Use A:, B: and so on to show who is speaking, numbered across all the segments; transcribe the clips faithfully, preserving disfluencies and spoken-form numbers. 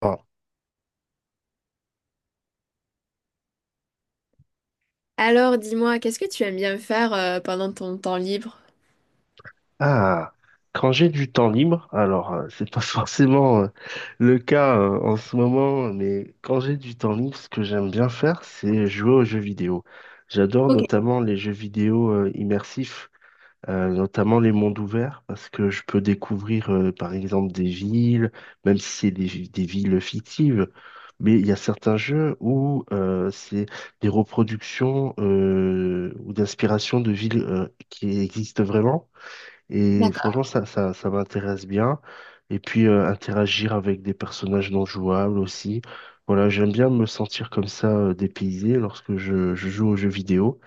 A: Bon.
B: Alors, dis-moi, qu'est-ce que tu aimes bien faire euh, pendant ton temps libre?
A: Ah, quand j'ai du temps libre, alors euh, c'est pas forcément, euh, le cas euh, en ce moment, mais quand j'ai du temps libre, ce que j'aime bien faire, c'est jouer aux jeux vidéo. J'adore
B: Ok,
A: notamment les jeux vidéo euh, immersifs, euh, notamment les mondes ouverts, parce que je peux découvrir, euh, par exemple, des villes, même si c'est des, vi- des villes fictives. Mais il y a certains jeux où, euh, c'est des reproductions, euh, ou d'inspiration de villes euh, qui existent vraiment. Et
B: d'accord.
A: franchement, ça, ça, ça m'intéresse bien. Et puis, euh, interagir avec des personnages non jouables aussi. Voilà, j'aime bien me sentir comme ça, euh, dépaysé lorsque je, je joue aux jeux vidéo,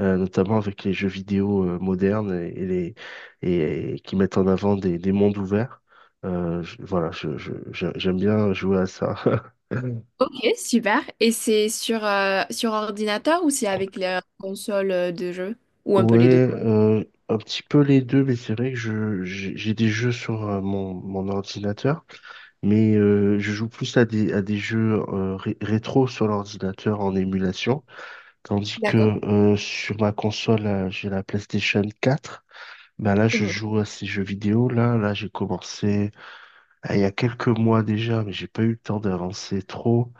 A: euh, notamment avec les jeux vidéo euh, modernes et, et les, et, et qui mettent en avant des, des mondes ouverts. Euh, je- voilà, je, je, je- j'aime bien jouer à ça.
B: Ok, super. Et c'est sur, euh, sur ordinateur ou c'est avec la console euh, de jeu? Ou un peu les deux?
A: Ouais, euh, un petit peu les deux, mais c'est vrai que je j'ai j'ai des jeux sur euh, mon, mon ordinateur, mais euh, je joue plus à des à des jeux, euh, ré- rétro sur l'ordinateur en émulation, tandis que
B: D'accord.
A: euh, sur ma console, euh, j'ai la PlayStation quatre. Ben là, je
B: Mhm.
A: joue à ces jeux vidéo là, là j'ai commencé euh, il y a quelques mois déjà, mais j'ai pas eu le temps d'avancer trop.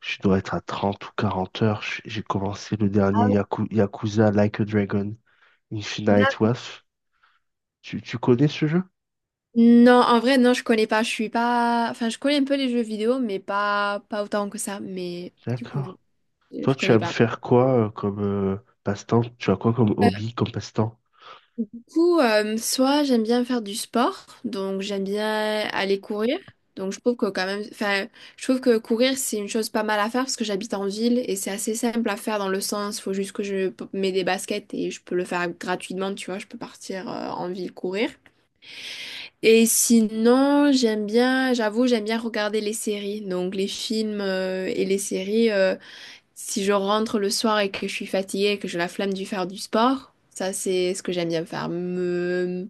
A: Je dois être à trente ou quarante heures. J'ai j'ai commencé le
B: Ah
A: dernier
B: ouais.
A: Yaku- Yakuza Like a Dragon Infinite
B: D'ac-
A: Wealth. Tu, tu connais ce jeu?
B: Non, en vrai, non, je connais pas. Je suis pas. Enfin, je connais un peu les jeux vidéo, mais pas, pas autant que ça. Mais du coup,
A: D'accord.
B: je
A: Toi,
B: je
A: tu
B: connais
A: aimes
B: pas.
A: faire quoi euh, comme euh, passe-temps? Tu as quoi comme hobby, comme passe-temps?
B: Du coup, euh, soit j'aime bien faire du sport, donc j'aime bien aller courir. Donc je trouve que quand même, enfin, je trouve que courir c'est une chose pas mal à faire parce que j'habite en ville et c'est assez simple à faire dans le sens, faut juste que je p- mets des baskets et je peux le faire gratuitement, tu vois, je peux partir euh, en ville courir. Et sinon, j'aime bien, j'avoue, j'aime bien regarder les séries, donc les films euh, et les séries. Euh, si je rentre le soir et que je suis fatiguée et que j'ai la flemme de faire du sport, ça c'est ce que j'aime bien faire. Me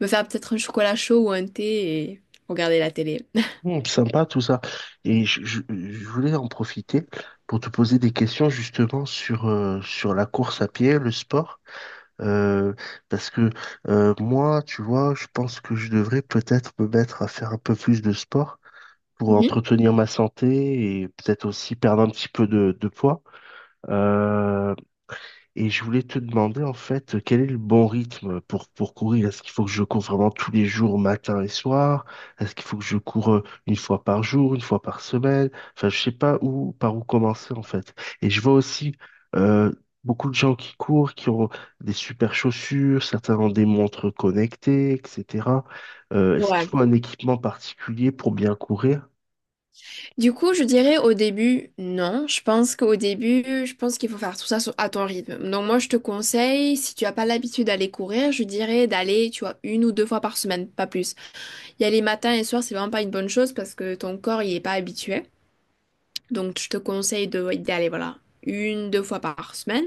B: me faire peut-être un chocolat chaud ou un thé et regarder la télé.
A: Hmm, sympa tout ça. Et je, je- je voulais en profiter pour te poser des questions, justement, sur, euh, sur la course à pied, le sport. Euh, Parce que, euh, moi, tu vois, je pense que je devrais peut-être me mettre à faire un peu plus de sport pour
B: Mhm.
A: entretenir ma santé et peut-être aussi perdre un petit peu de, de poids. Euh, Et je voulais te demander, en fait, quel est le bon rythme pour, pour courir? Est-ce qu'il faut que je cours vraiment tous les jours, matin et soir? Est-ce qu'il faut que je cours, euh, une fois par jour, une fois par semaine? Enfin, je sais pas où par où commencer, en fait. Et je vois aussi, euh, beaucoup de gens qui courent, qui ont des super chaussures, certains ont des montres connectées, et cetera. Euh, est-ce qu'il
B: Ouais.
A: faut un équipement particulier pour bien courir?
B: Du coup, je dirais au début, non. Je pense qu'au début, je pense qu'il faut faire tout ça sur- à ton rythme. Donc moi, je te conseille, si tu n'as pas l'habitude d'aller courir, je dirais d'aller, tu vois, une ou deux fois par semaine, pas plus. Y aller matin et soir, c'est vraiment pas une bonne chose parce que ton corps, il est pas habitué. Donc je te conseille de, d'aller, voilà, une, deux fois par semaine.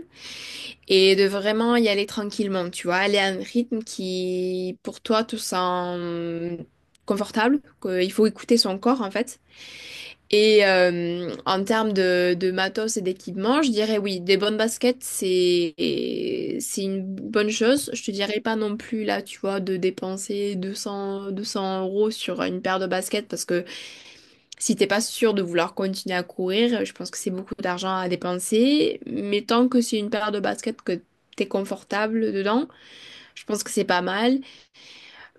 B: Et de vraiment y aller tranquillement, tu vois, aller à un rythme qui, pour toi, te sent confortable, qu'il faut écouter son corps, en fait. Et euh, en termes de, de matos et d'équipement, je dirais oui, des bonnes baskets, c'est c'est une bonne chose. Je te dirais pas non plus, là, tu vois, de dépenser deux cents, deux cents euros sur une paire de baskets, parce que si t'es pas sûr de vouloir continuer à courir, je pense que c'est beaucoup d'argent à dépenser. Mais tant que c'est une paire de baskets que t'es confortable dedans, je pense que c'est pas mal.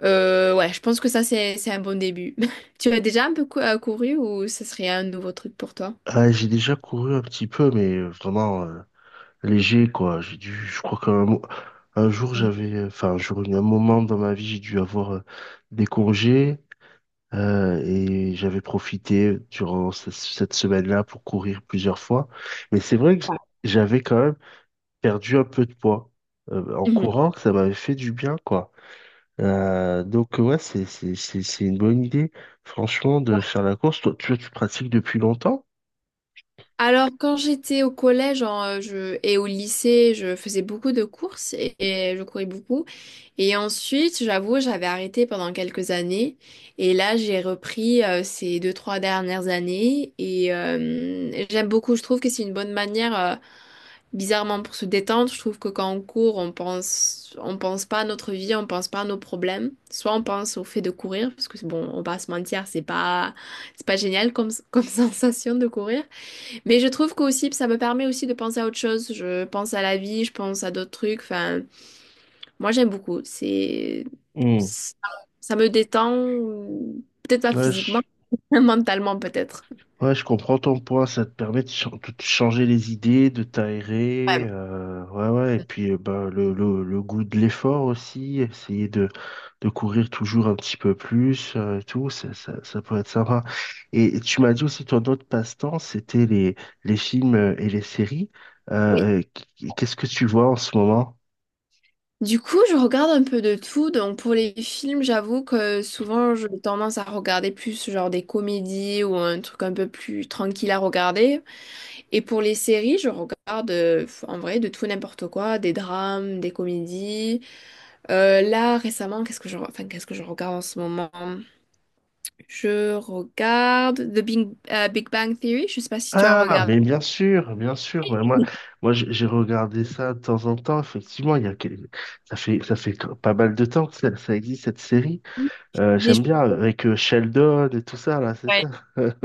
B: Euh, ouais, je pense que ça, c'est, c'est un bon début. Tu as déjà un peu cou- euh, couru ou ce serait un nouveau truc pour toi?
A: Ah, j'ai déjà couru un petit peu, mais euh, vraiment euh, léger, quoi. J'ai dû, je crois qu'un mo- un jour,
B: Mm.
A: j'avais, enfin, un jour, un moment dans ma vie, j'ai dû avoir euh, des congés, euh, et j'avais profité durant ce- cette semaine-là pour courir plusieurs fois. Mais c'est vrai que
B: Ouais.
A: j'avais quand même perdu un peu de poids euh, en
B: Mhm.
A: courant, que ça m'avait fait du bien, quoi. Euh, donc ouais, c'est c'est c'est c'est une bonne idée, franchement, de faire la course. Toi, tu tu pratiques depuis longtemps?
B: Alors, quand j'étais au collège en, euh, je, et au lycée, je faisais beaucoup de courses et, et je courais beaucoup. Et ensuite, j'avoue, j'avais arrêté pendant quelques années. Et là, j'ai repris euh, ces deux, trois dernières années. Et euh, j'aime beaucoup. Je trouve que c'est une bonne manière, euh, bizarrement, pour se détendre. Je trouve que quand on court, on pense, on pense pas à notre vie, on pense pas à nos problèmes. Soit on pense au fait de courir, parce que bon, on va pas se mentir, c'est pas, c'est pas génial comme, comme sensation de courir. Mais je trouve qu'aussi, ça me permet aussi de penser à autre chose. Je pense à la vie, je pense à d'autres trucs. Enfin, moi, j'aime beaucoup. C'est,
A: Hmm.
B: ça ça me détend, peut-être pas
A: Ouais,
B: physiquement,
A: je
B: mentalement peut-être.
A: Ouais, je comprends ton point. Ça te permet de, ch- de te changer les idées, de t'aérer,
B: Ouais,
A: euh, ouais, ouais. Et puis, euh, ben, le, le, le goût de l'effort aussi. Essayer de, de courir toujours un petit peu plus, euh, et tout, ça, ça, ça peut être sympa. Et tu m'as dit aussi, ton autre passe-temps, c'était les, les films euh, et les séries.
B: oui.
A: Euh, qu- Qu'est-ce que tu vois en ce moment?
B: Du coup, je regarde un peu de tout. Donc, pour les films, j'avoue que souvent, j'ai tendance à regarder plus genre des comédies ou un truc un peu plus tranquille à regarder. Et pour les séries, je regarde euh, en vrai de tout n'importe quoi, des drames, des comédies. Euh, là, récemment, qu'est-ce que je, re- enfin, qu'est-ce que je regarde en ce moment? Je regarde The Big, euh, Big Bang Theory. Je sais pas si tu as
A: Ah,
B: regardé.
A: mais bien sûr, bien sûr. Ouais, moi, moi, j'ai j'ai regardé ça de temps en temps. Effectivement, il y a quel- ça fait, ça fait que- pas mal de temps que ça, ça existe, cette série. Euh,
B: Mais je-
A: j'aime bien avec euh, Sheldon et tout ça là, c'est
B: ouais,
A: ça.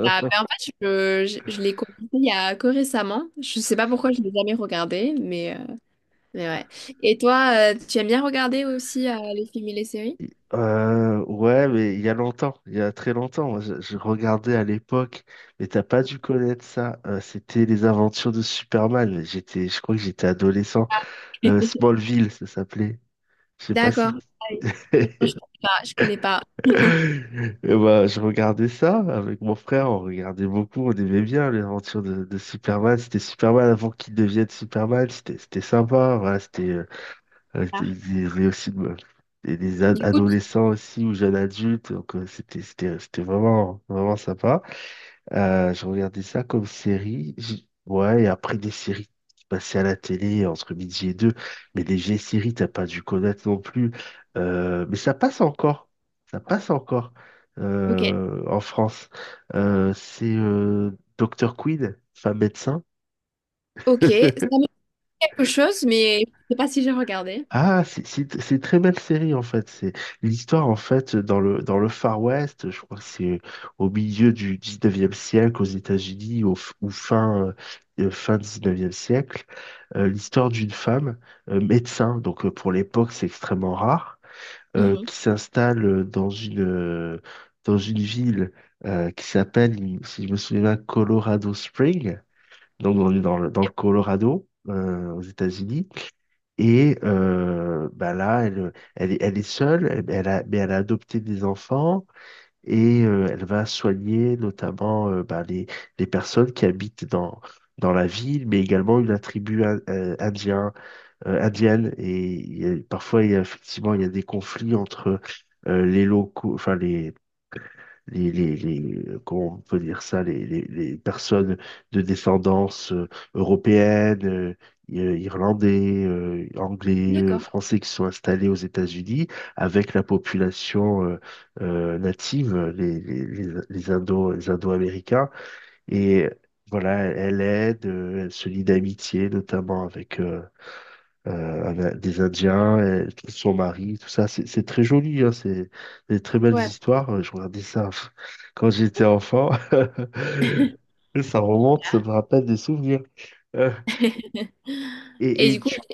B: ça- mais en fait, je, je, je l'ai commencé il y a que récemment. Je sais pas pourquoi je l'ai jamais regardé, mais, euh, mais ouais. Et toi, euh, tu aimes bien regarder aussi euh, les films et les séries?
A: Il- Euh, ouais, mais il y a longtemps, il y a très longtemps. Moi, je, je regardais à l'époque, mais t'as pas dû connaître ça. Euh, c'était les aventures de Superman. J'étais, je crois que j'étais adolescent. Euh, Smallville, ça s'appelait. Je sais pas
B: D'accord.
A: si.
B: Ah oui. Non, je connais pas. Je connais pas.
A: Et bah, je regardais ça avec mon frère, on regardait beaucoup, on aimait bien l'aventure de, de Superman. C'était Superman avant qu'il devienne Superman, c'était c'était sympa. Voilà, c'était euh, euh, c'était-
B: Ah.
A: il y avait aussi, euh, des, des
B: Du
A: ad-
B: coup, tu-
A: adolescents aussi, ou jeunes adultes, donc euh, c'était c'était c'était vraiment vraiment sympa. Euh, je regardais ça comme série. J- Ouais, et après, des séries qui passaient à la télé entre midi et deux. Mais des vieilles séries, t'as pas dû connaître non plus. Euh, mais ça passe encore. Ça passe encore,
B: ok.
A: euh, en France. Euh, c'est, euh, docteur Quinn, femme médecin.
B: Ok, ça me dit quelque chose, mais je sais pas si j'ai regardé.
A: Ah, c'est c'est- c'est une très belle série, en fait. C'est l'histoire, en fait, dans le dans le Far West. Je crois que c'est au milieu du dix-neuvième siècle aux États-Unis, au f- ou fin, euh, fin dix-neuvième siècle. Euh, l'histoire d'une femme euh, médecin, donc, euh, pour l'époque, c'est extrêmement rare, euh,
B: Mhm.
A: qui s'installe euh, dans une euh, dans une ville euh, qui s'appelle, si je me souviens bien, Colorado Springs. Donc, on est dans le, dans le Colorado, euh, aux États-Unis. Et euh, bah là, elle, elle, est elle est seule, elle- elle a, mais elle a adopté des enfants, et euh, elle va soigner notamment, euh, bah, les, les personnes qui habitent dans, dans la ville, mais également une tribu in- euh, indien, euh, indienne. Et il y a- parfois, il y a, effectivement, il y a des conflits entre, euh, les locaux, enfin les, les, les, les- comment on peut dire ça, les, les, les personnes de descendance euh, européenne, euh, i- euh, irlandais, euh, anglais, euh,
B: D'accord.
A: français, qui sont installés aux États-Unis avec la population, euh, euh, native, euh, les, les, les, les Indo, les Indo-Américains. Et voilà, elle aide, euh, elle se lie d'amitié, notamment avec, euh, euh, avec des Indiens, et tout son mari, tout ça. C'est c'est très joli, hein, c'est des très belles
B: Ouais.
A: histoires. Euh, Je regardais ça pff, quand j'étais enfant. Ça remonte, ça me rappelle des souvenirs. Euh, et,
B: Et
A: et
B: du coup,
A: tu...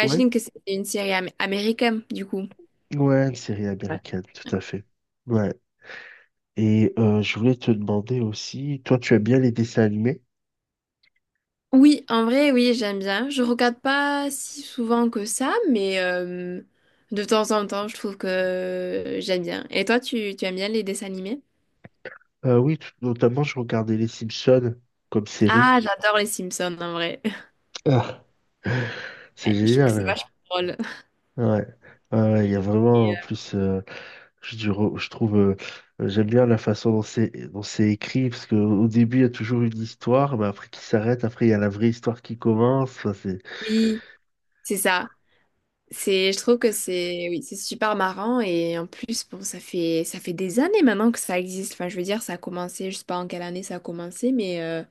A: Ouais,
B: que c'est une série am- américaine, du coup.
A: ouais, une série américaine, tout à fait. Ouais. Et euh, je voulais te demander aussi, toi, tu aimes bien les dessins animés?
B: Oui, en vrai, oui, j'aime bien. Je regarde pas si souvent que ça, mais euh, de temps en temps, je trouve que j'aime bien. Et toi, tu, tu aimes bien les dessins animés?
A: Euh, oui, tout- notamment, je regardais Les Simpsons comme série.
B: Ah, j'adore les Simpsons, en vrai.
A: Ah, c'est
B: Ouais, je trouve que c'est
A: génial.
B: vachement drôle.
A: Ouais. Ouais, ouais, ouais, il y a vraiment,
B: Et,
A: en
B: euh,
A: plus, euh, Je, dis- je trouve, euh, euh, j'aime bien la façon dont c'est dont c'est écrit, parce qu'au début, il y a toujours une histoire, mais après qui s'arrête, après, il y a la vraie histoire qui commence. Enfin, c'est...
B: oui, c'est ça. C'est, je trouve que c'est, oui, c'est super marrant et en plus, bon, ça fait, ça fait des années maintenant que ça existe. Enfin, je veux dire, ça a commencé, je sais pas en quelle année ça a commencé, mais euh,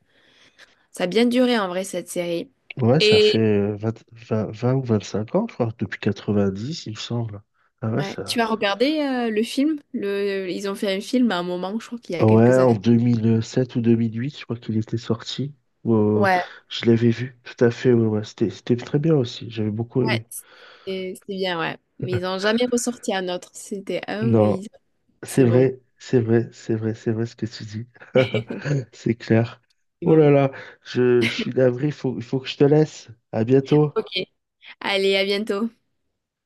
B: ça a bien duré en vrai cette série.
A: Ouais, ça
B: Et
A: fait euh, vingt 20 vingt ou vingt-cinq ans, je crois, depuis quatre-vingt-dix, il me semble. Ah ouais,
B: ouais, tu
A: ça...
B: as regardé euh, le film? Le, ils ont fait un film à un moment, je crois qu'il y a
A: Ouais,
B: quelques
A: en
B: années.
A: deux mille sept ou deux mille huit, je crois qu'il était sorti. Ou, euh,
B: Ouais,
A: je l'avais vu, tout à fait, ouais, ouais. C'était, c'était très bien aussi, j'avais beaucoup
B: ouais,
A: aimé.
B: c'est c'est bien, ouais. Mais ils n'ont jamais ressorti un autre. C'était un et
A: Non.
B: ils-
A: C'est
B: c'est bon,
A: vrai, c'est vrai, c'est vrai, c'est vrai ce que tu dis. C'est clair.
B: c'est
A: Oh
B: bon.
A: là là, je, je suis navré, il faut, il faut que je te laisse. À bientôt.
B: Ok, allez, à bientôt.